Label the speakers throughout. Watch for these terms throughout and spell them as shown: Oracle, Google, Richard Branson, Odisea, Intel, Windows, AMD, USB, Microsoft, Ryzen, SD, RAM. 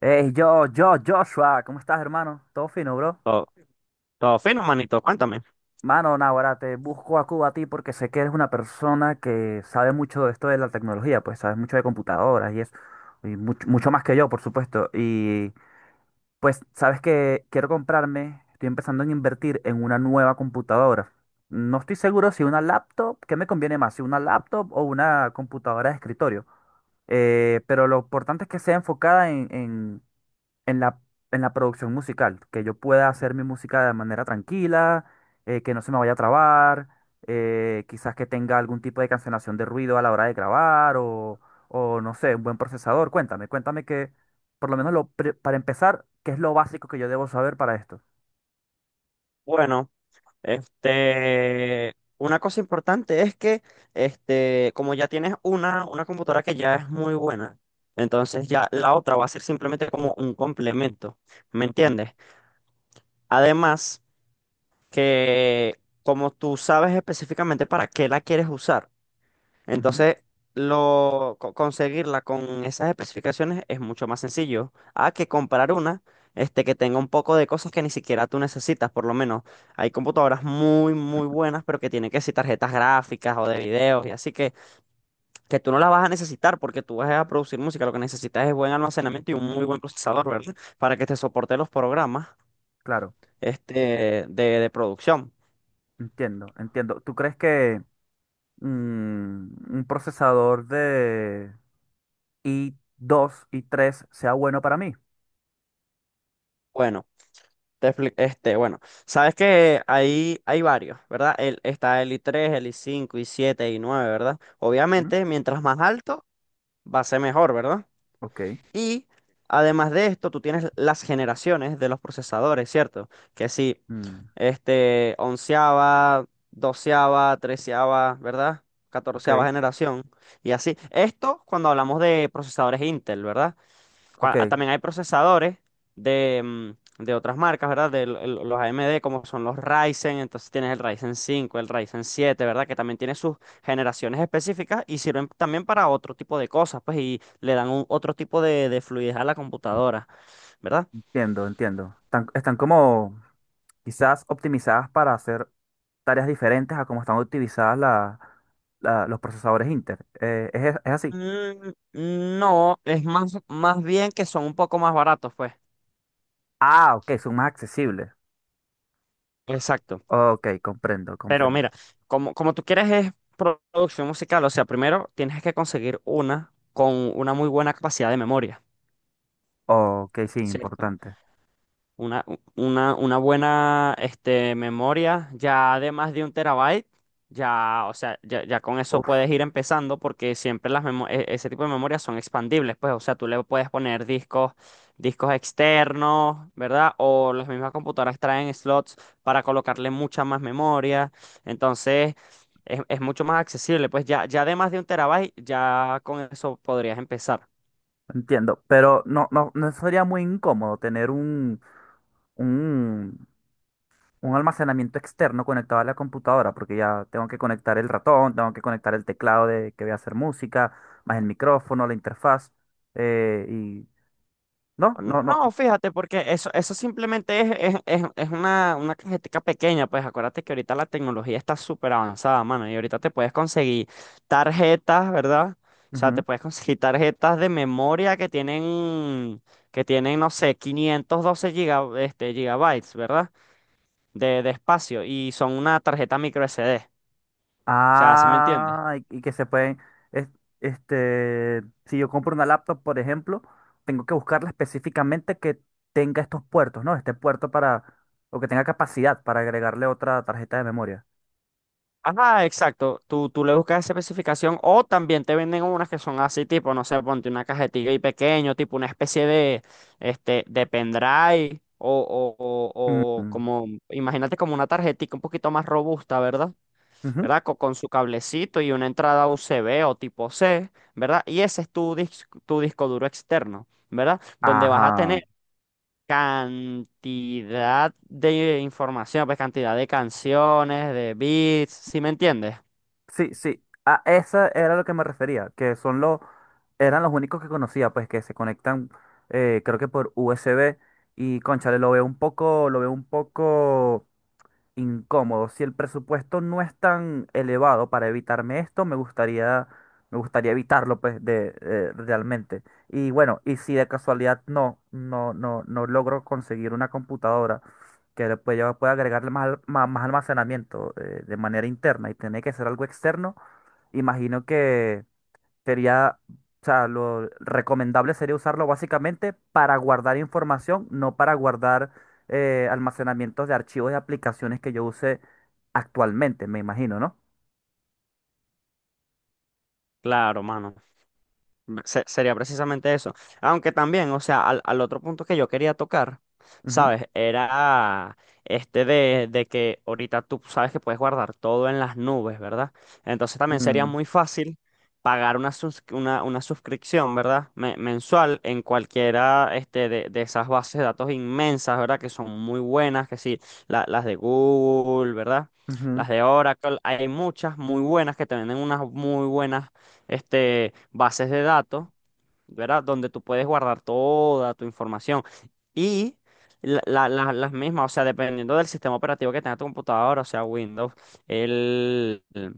Speaker 1: Hey, yo, Joshua, ¿cómo estás, hermano? Todo fino, bro.
Speaker 2: Todo, todo fino, manito, cuéntame.
Speaker 1: Mano, Navarra, te busco a Cuba a ti porque sé que eres una persona que sabe mucho de esto de la tecnología, pues sabes mucho de computadoras y eso, y mucho, mucho más que yo, por supuesto. Y pues sabes que quiero comprarme, estoy empezando en invertir en una nueva computadora. No estoy seguro si una laptop, ¿qué me conviene más? Si una laptop o una computadora de escritorio. Pero lo importante es que sea enfocada en en la producción musical, que yo pueda hacer mi música de manera tranquila, que no se me vaya a trabar, quizás que tenga algún tipo de cancelación de ruido a la hora de grabar o no sé, un buen procesador. Por lo menos para empezar, ¿qué es lo básico que yo debo saber para esto?
Speaker 2: Bueno, una cosa importante es que, como ya tienes una computadora que ya es muy buena, entonces ya la otra va a ser simplemente como un complemento, ¿me
Speaker 1: Mm,
Speaker 2: entiendes? Además, que como tú sabes específicamente para qué la quieres usar,
Speaker 1: ujú,
Speaker 2: entonces, conseguirla con esas especificaciones es mucho más sencillo a que comprar una que tenga un poco de cosas que ni siquiera tú necesitas, por lo menos. Hay computadoras muy, muy buenas, pero que tienen que ser tarjetas gráficas o de videos y así que tú no las vas a necesitar porque tú vas a producir música. Lo que necesitas es buen almacenamiento y un muy buen procesador, ¿verdad? Para que te soporte los programas
Speaker 1: claro,
Speaker 2: de producción.
Speaker 1: entiendo, entiendo. ¿Tú crees que un procesador de i dos y 3 sea bueno para mí?
Speaker 2: Bueno. Bueno, sabes que hay varios, ¿verdad? Está el I3, el I5, i7 i9, ¿verdad?
Speaker 1: Mm.
Speaker 2: Obviamente, mientras más alto, va a ser mejor, ¿verdad?
Speaker 1: Ok.
Speaker 2: Y además de esto, tú tienes las generaciones de los procesadores, ¿cierto? Que sí,
Speaker 1: Mm.
Speaker 2: onceava, doceava, treceava, ¿verdad? Catorceava
Speaker 1: Ok.
Speaker 2: generación y así. Esto cuando hablamos de procesadores Intel, ¿verdad?
Speaker 1: Ok,
Speaker 2: También hay procesadores de otras marcas, ¿verdad? De los AMD, como son los Ryzen, entonces tienes el Ryzen 5, el Ryzen 7, ¿verdad? Que también tiene sus generaciones específicas y sirven también para otro tipo de cosas, pues, y le dan otro tipo de fluidez a la computadora, ¿verdad?
Speaker 1: entiendo, entiendo. Están, están como quizás optimizadas para hacer tareas diferentes a como están optimizadas los procesadores Inter. ¿Es, es así?
Speaker 2: Mm, no, es más bien que son un poco más baratos, pues.
Speaker 1: Ah, ok, son más accesibles.
Speaker 2: Exacto.
Speaker 1: Ok, comprendo,
Speaker 2: Pero
Speaker 1: comprendo.
Speaker 2: mira, como tú quieres es producción musical, o sea, primero tienes que conseguir una con una muy buena capacidad de memoria.
Speaker 1: Ok, sí,
Speaker 2: ¿Cierto?
Speaker 1: importante.
Speaker 2: Una buena memoria ya de más de un terabyte, ya, o sea, ya con eso
Speaker 1: Uf,
Speaker 2: puedes ir empezando porque siempre ese tipo de memorias son expandibles, pues, o sea, tú le puedes poner discos, discos externos, ¿verdad? O las mismas computadoras traen slots para colocarle mucha más memoria, entonces es mucho más accesible, pues ya de más de un terabyte, ya con eso podrías empezar.
Speaker 1: entiendo. Pero no, no, no sería muy incómodo tener un un almacenamiento externo conectado a la computadora, porque ya tengo que conectar el ratón, tengo que conectar el teclado de que voy a hacer música, más el micrófono, la interfaz, eh, y no, no, no.
Speaker 2: No, fíjate, porque eso simplemente es una cajetica pequeña, pues acuérdate que ahorita la tecnología está súper avanzada, mano, y ahorita te puedes conseguir tarjetas, ¿verdad? O sea, te
Speaker 1: Ujú.
Speaker 2: puedes conseguir tarjetas de memoria que tienen, no sé, 512 gigabytes, ¿verdad? De espacio, y son una tarjeta micro SD, o sea, ¿sí me entiendes?
Speaker 1: Ah, y que se pueden, es- este, si yo compro una laptop, por ejemplo, tengo que buscarla específicamente que tenga estos puertos, ¿no? Este puerto para, o que tenga capacidad para agregarle otra tarjeta de memoria.
Speaker 2: Ajá, exacto. Tú le buscas esa especificación o también te venden unas que son así, tipo, no sé, ponte una cajetilla y pequeño, tipo una especie de, pendrive o
Speaker 1: Mm,
Speaker 2: como, imagínate como una tarjetita un poquito más robusta, ¿verdad?
Speaker 1: ujú.
Speaker 2: Con su cablecito y una entrada USB o tipo C, ¿verdad? Y ese es tu disco duro externo, ¿verdad? Donde vas a tener
Speaker 1: Ajá.
Speaker 2: cantidad de información, pues cantidad de canciones, de beats, ¿sí me entiendes?
Speaker 1: Sí, sí. A esa era lo que me refería, que son los, eran los únicos que conocía, pues que se conectan, creo que por USB y cónchale, lo veo un poco, lo veo un poco incómodo. Si el presupuesto no es tan elevado para evitarme esto, me gustaría evitarlo, pues, realmente. Y bueno, y si de casualidad no logro conseguir una computadora que pueda agregarle más, más almacenamiento, de manera interna y tiene que ser algo externo, imagino que o sea, lo recomendable sería usarlo básicamente para guardar información, no para guardar almacenamientos de archivos de aplicaciones que yo use actualmente, me imagino, ¿no?
Speaker 2: Claro, mano. Sería precisamente eso. Aunque también, o sea, al otro punto que yo quería tocar,
Speaker 1: Ujú.
Speaker 2: ¿sabes? Era de que ahorita tú sabes que puedes guardar todo en las nubes, ¿verdad? Entonces también sería
Speaker 1: Mm,
Speaker 2: muy fácil pagar una suscripción, ¿verdad? Mensual en cualquiera de esas bases de datos inmensas, ¿verdad? Que son muy buenas, que sí, las de Google, ¿verdad?
Speaker 1: ujú.
Speaker 2: Las de Oracle, hay muchas muy buenas que te venden unas muy buenas bases de datos, ¿verdad? Donde tú puedes guardar toda tu información. Y las mismas, o sea, dependiendo del sistema operativo que tenga tu computadora, o sea, Windows, el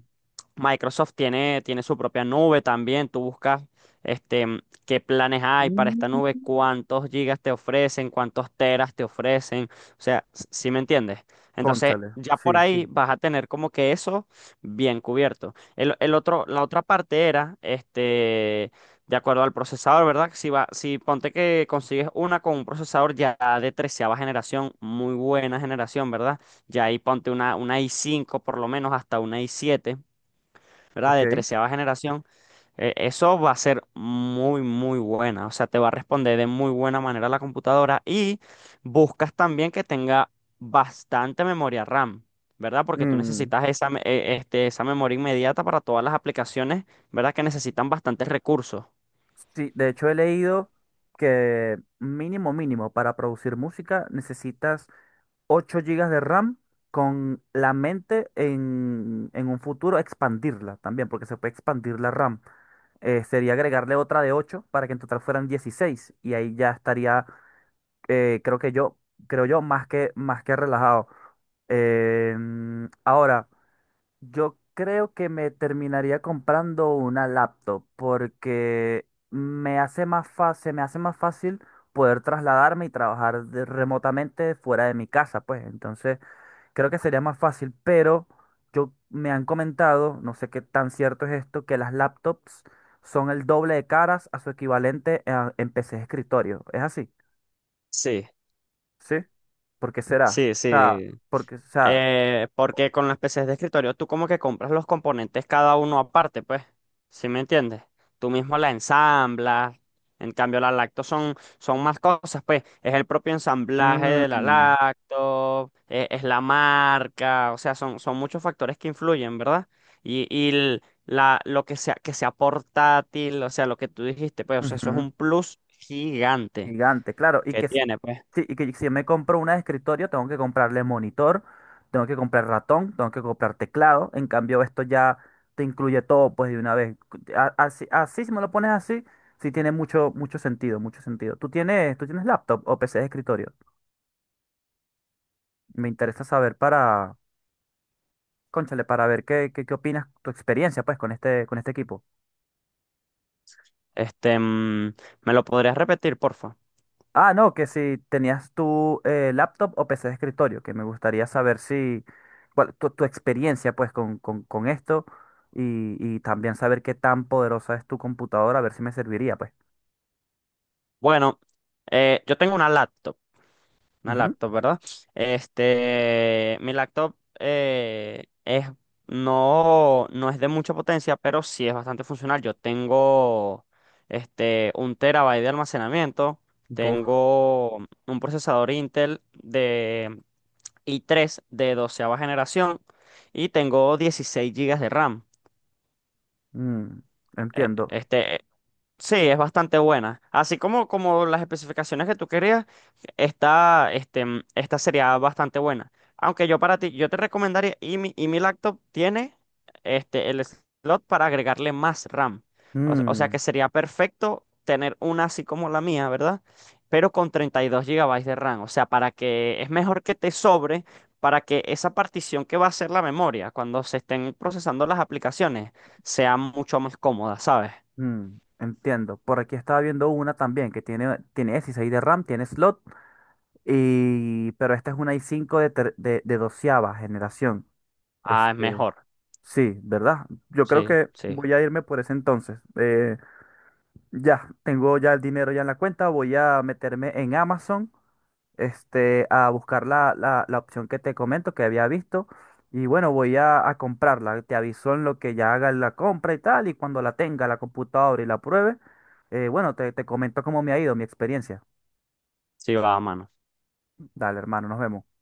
Speaker 2: Microsoft tiene, su propia nube también. Tú buscas este, mm, qué planes hay para
Speaker 1: Mm.
Speaker 2: esta nube, cuántos gigas te ofrecen, cuántos teras te ofrecen. O sea, ¿si me entiendes? Entonces,
Speaker 1: Cónchale,
Speaker 2: ya
Speaker 1: sí,
Speaker 2: por ahí
Speaker 1: sí,
Speaker 2: vas a tener como que eso bien cubierto. La otra parte era, de acuerdo al procesador, ¿verdad? Si ponte que consigues una con un procesador ya de treceava generación, muy buena generación, ¿verdad? Ya ahí ponte una i5 por lo menos hasta una i7, ¿verdad?
Speaker 1: ok.
Speaker 2: De treceava generación. Eso va a ser muy, muy buena. O sea, te va a responder de muy buena manera la computadora y buscas también que tenga bastante memoria RAM, ¿verdad? Porque tú
Speaker 1: Mm,
Speaker 2: necesitas esa memoria inmediata para todas las aplicaciones, ¿verdad? Que necesitan bastantes recursos.
Speaker 1: sí, de hecho he leído que mínimo, mínimo, para producir música necesitas 8 gigas de RAM con la mente en un futuro expandirla también, porque se puede expandir la RAM. Sería agregarle otra de 8 para que en total fueran 16 y ahí ya estaría, eh, creo que yo, creo yo, más que relajado. Ahora, yo creo que me terminaría comprando una laptop porque me hace más fácil poder trasladarme y trabajar remotamente fuera de mi casa, pues. Entonces, creo que sería más fácil, pero yo me han comentado, no sé qué tan cierto es esto, que las laptops son el doble de caras a su equivalente en PC de escritorio. ¿Es así?
Speaker 2: Sí.
Speaker 1: ¿Sí? ¿Por qué será?
Speaker 2: Sí,
Speaker 1: O sea,
Speaker 2: sí.
Speaker 1: porque, o sea,
Speaker 2: Porque con las PCs de escritorio tú como que compras los componentes cada uno aparte, pues. ¿Sí me entiendes? Tú mismo la ensamblas. En cambio, la lacto son más cosas, pues. Es el propio ensamblaje de la
Speaker 1: mm,
Speaker 2: lacto, es la marca, o sea, son muchos factores que influyen, ¿verdad? Lo que sea portátil, o sea, lo que tú dijiste, pues, o sea, eso es
Speaker 1: ujú.
Speaker 2: un plus gigante
Speaker 1: Gigante, claro. Y
Speaker 2: que
Speaker 1: que si,
Speaker 2: tiene, pues.
Speaker 1: sí, y que si yo me compro una de escritorio, tengo que comprarle monitor, tengo que comprar ratón, tengo que comprar teclado. En cambio, esto ya te incluye todo, pues, de una vez. Así, así, si me lo pones así, sí tiene mucho, mucho sentido, mucho sentido. ¿Tú tienes laptop o PC de escritorio? Me interesa saber para, cónchale, para ver qué opinas, tu experiencia, pues, con este equipo.
Speaker 2: Este, mm, ¿Me lo podrías repetir, porfa?
Speaker 1: Ah, no, que si tenías tu laptop o PC de escritorio, que me gustaría saber si, cuál, tu experiencia pues con esto y también saber qué tan poderosa es tu computadora, a ver si me serviría pues.
Speaker 2: Bueno, yo tengo una laptop,
Speaker 1: Ujú.
Speaker 2: ¿verdad? Mi laptop no, no es de mucha potencia, pero sí es bastante funcional. Yo tengo un terabyte de almacenamiento,
Speaker 1: Buf,
Speaker 2: tengo un procesador Intel de i3 de doceava generación y tengo 16 gigas de RAM.
Speaker 1: mm,
Speaker 2: Eh,
Speaker 1: entiendo.
Speaker 2: Este, Sí, es bastante buena. Así como las especificaciones que tú querías, esta sería bastante buena. Aunque yo para ti, yo te recomendaría, y mi laptop tiene el slot para agregarle más RAM. O sea
Speaker 1: Mm,
Speaker 2: que sería perfecto tener una así como la mía, ¿verdad? Pero con 32 gigabytes de RAM. O sea, para que es mejor que te sobre para que esa partición que va a ser la memoria cuando se estén procesando las aplicaciones sea mucho más cómoda, ¿sabes?
Speaker 1: mm, entiendo. Por aquí estaba viendo una también que tiene 16 de RAM, tiene slot, y, pero esta es una i cinco de doceava generación.
Speaker 2: Ah, es
Speaker 1: Este,
Speaker 2: mejor.
Speaker 1: Sí, ¿verdad? Yo creo
Speaker 2: Sí,
Speaker 1: que
Speaker 2: sí,
Speaker 1: voy a irme por ese entonces. Ya, Tengo ya el dinero ya en la cuenta, voy a meterme en Amazon, este, a buscar la opción que te comento, que había visto, y bueno, voy a comprarla. Te aviso en lo que ya haga la compra y tal, y cuando la tenga la computadora y la pruebe, bueno, te, te comento cómo me ha ido mi experiencia.
Speaker 2: sí va, a mano.
Speaker 1: Dale, hermano, nos vemos.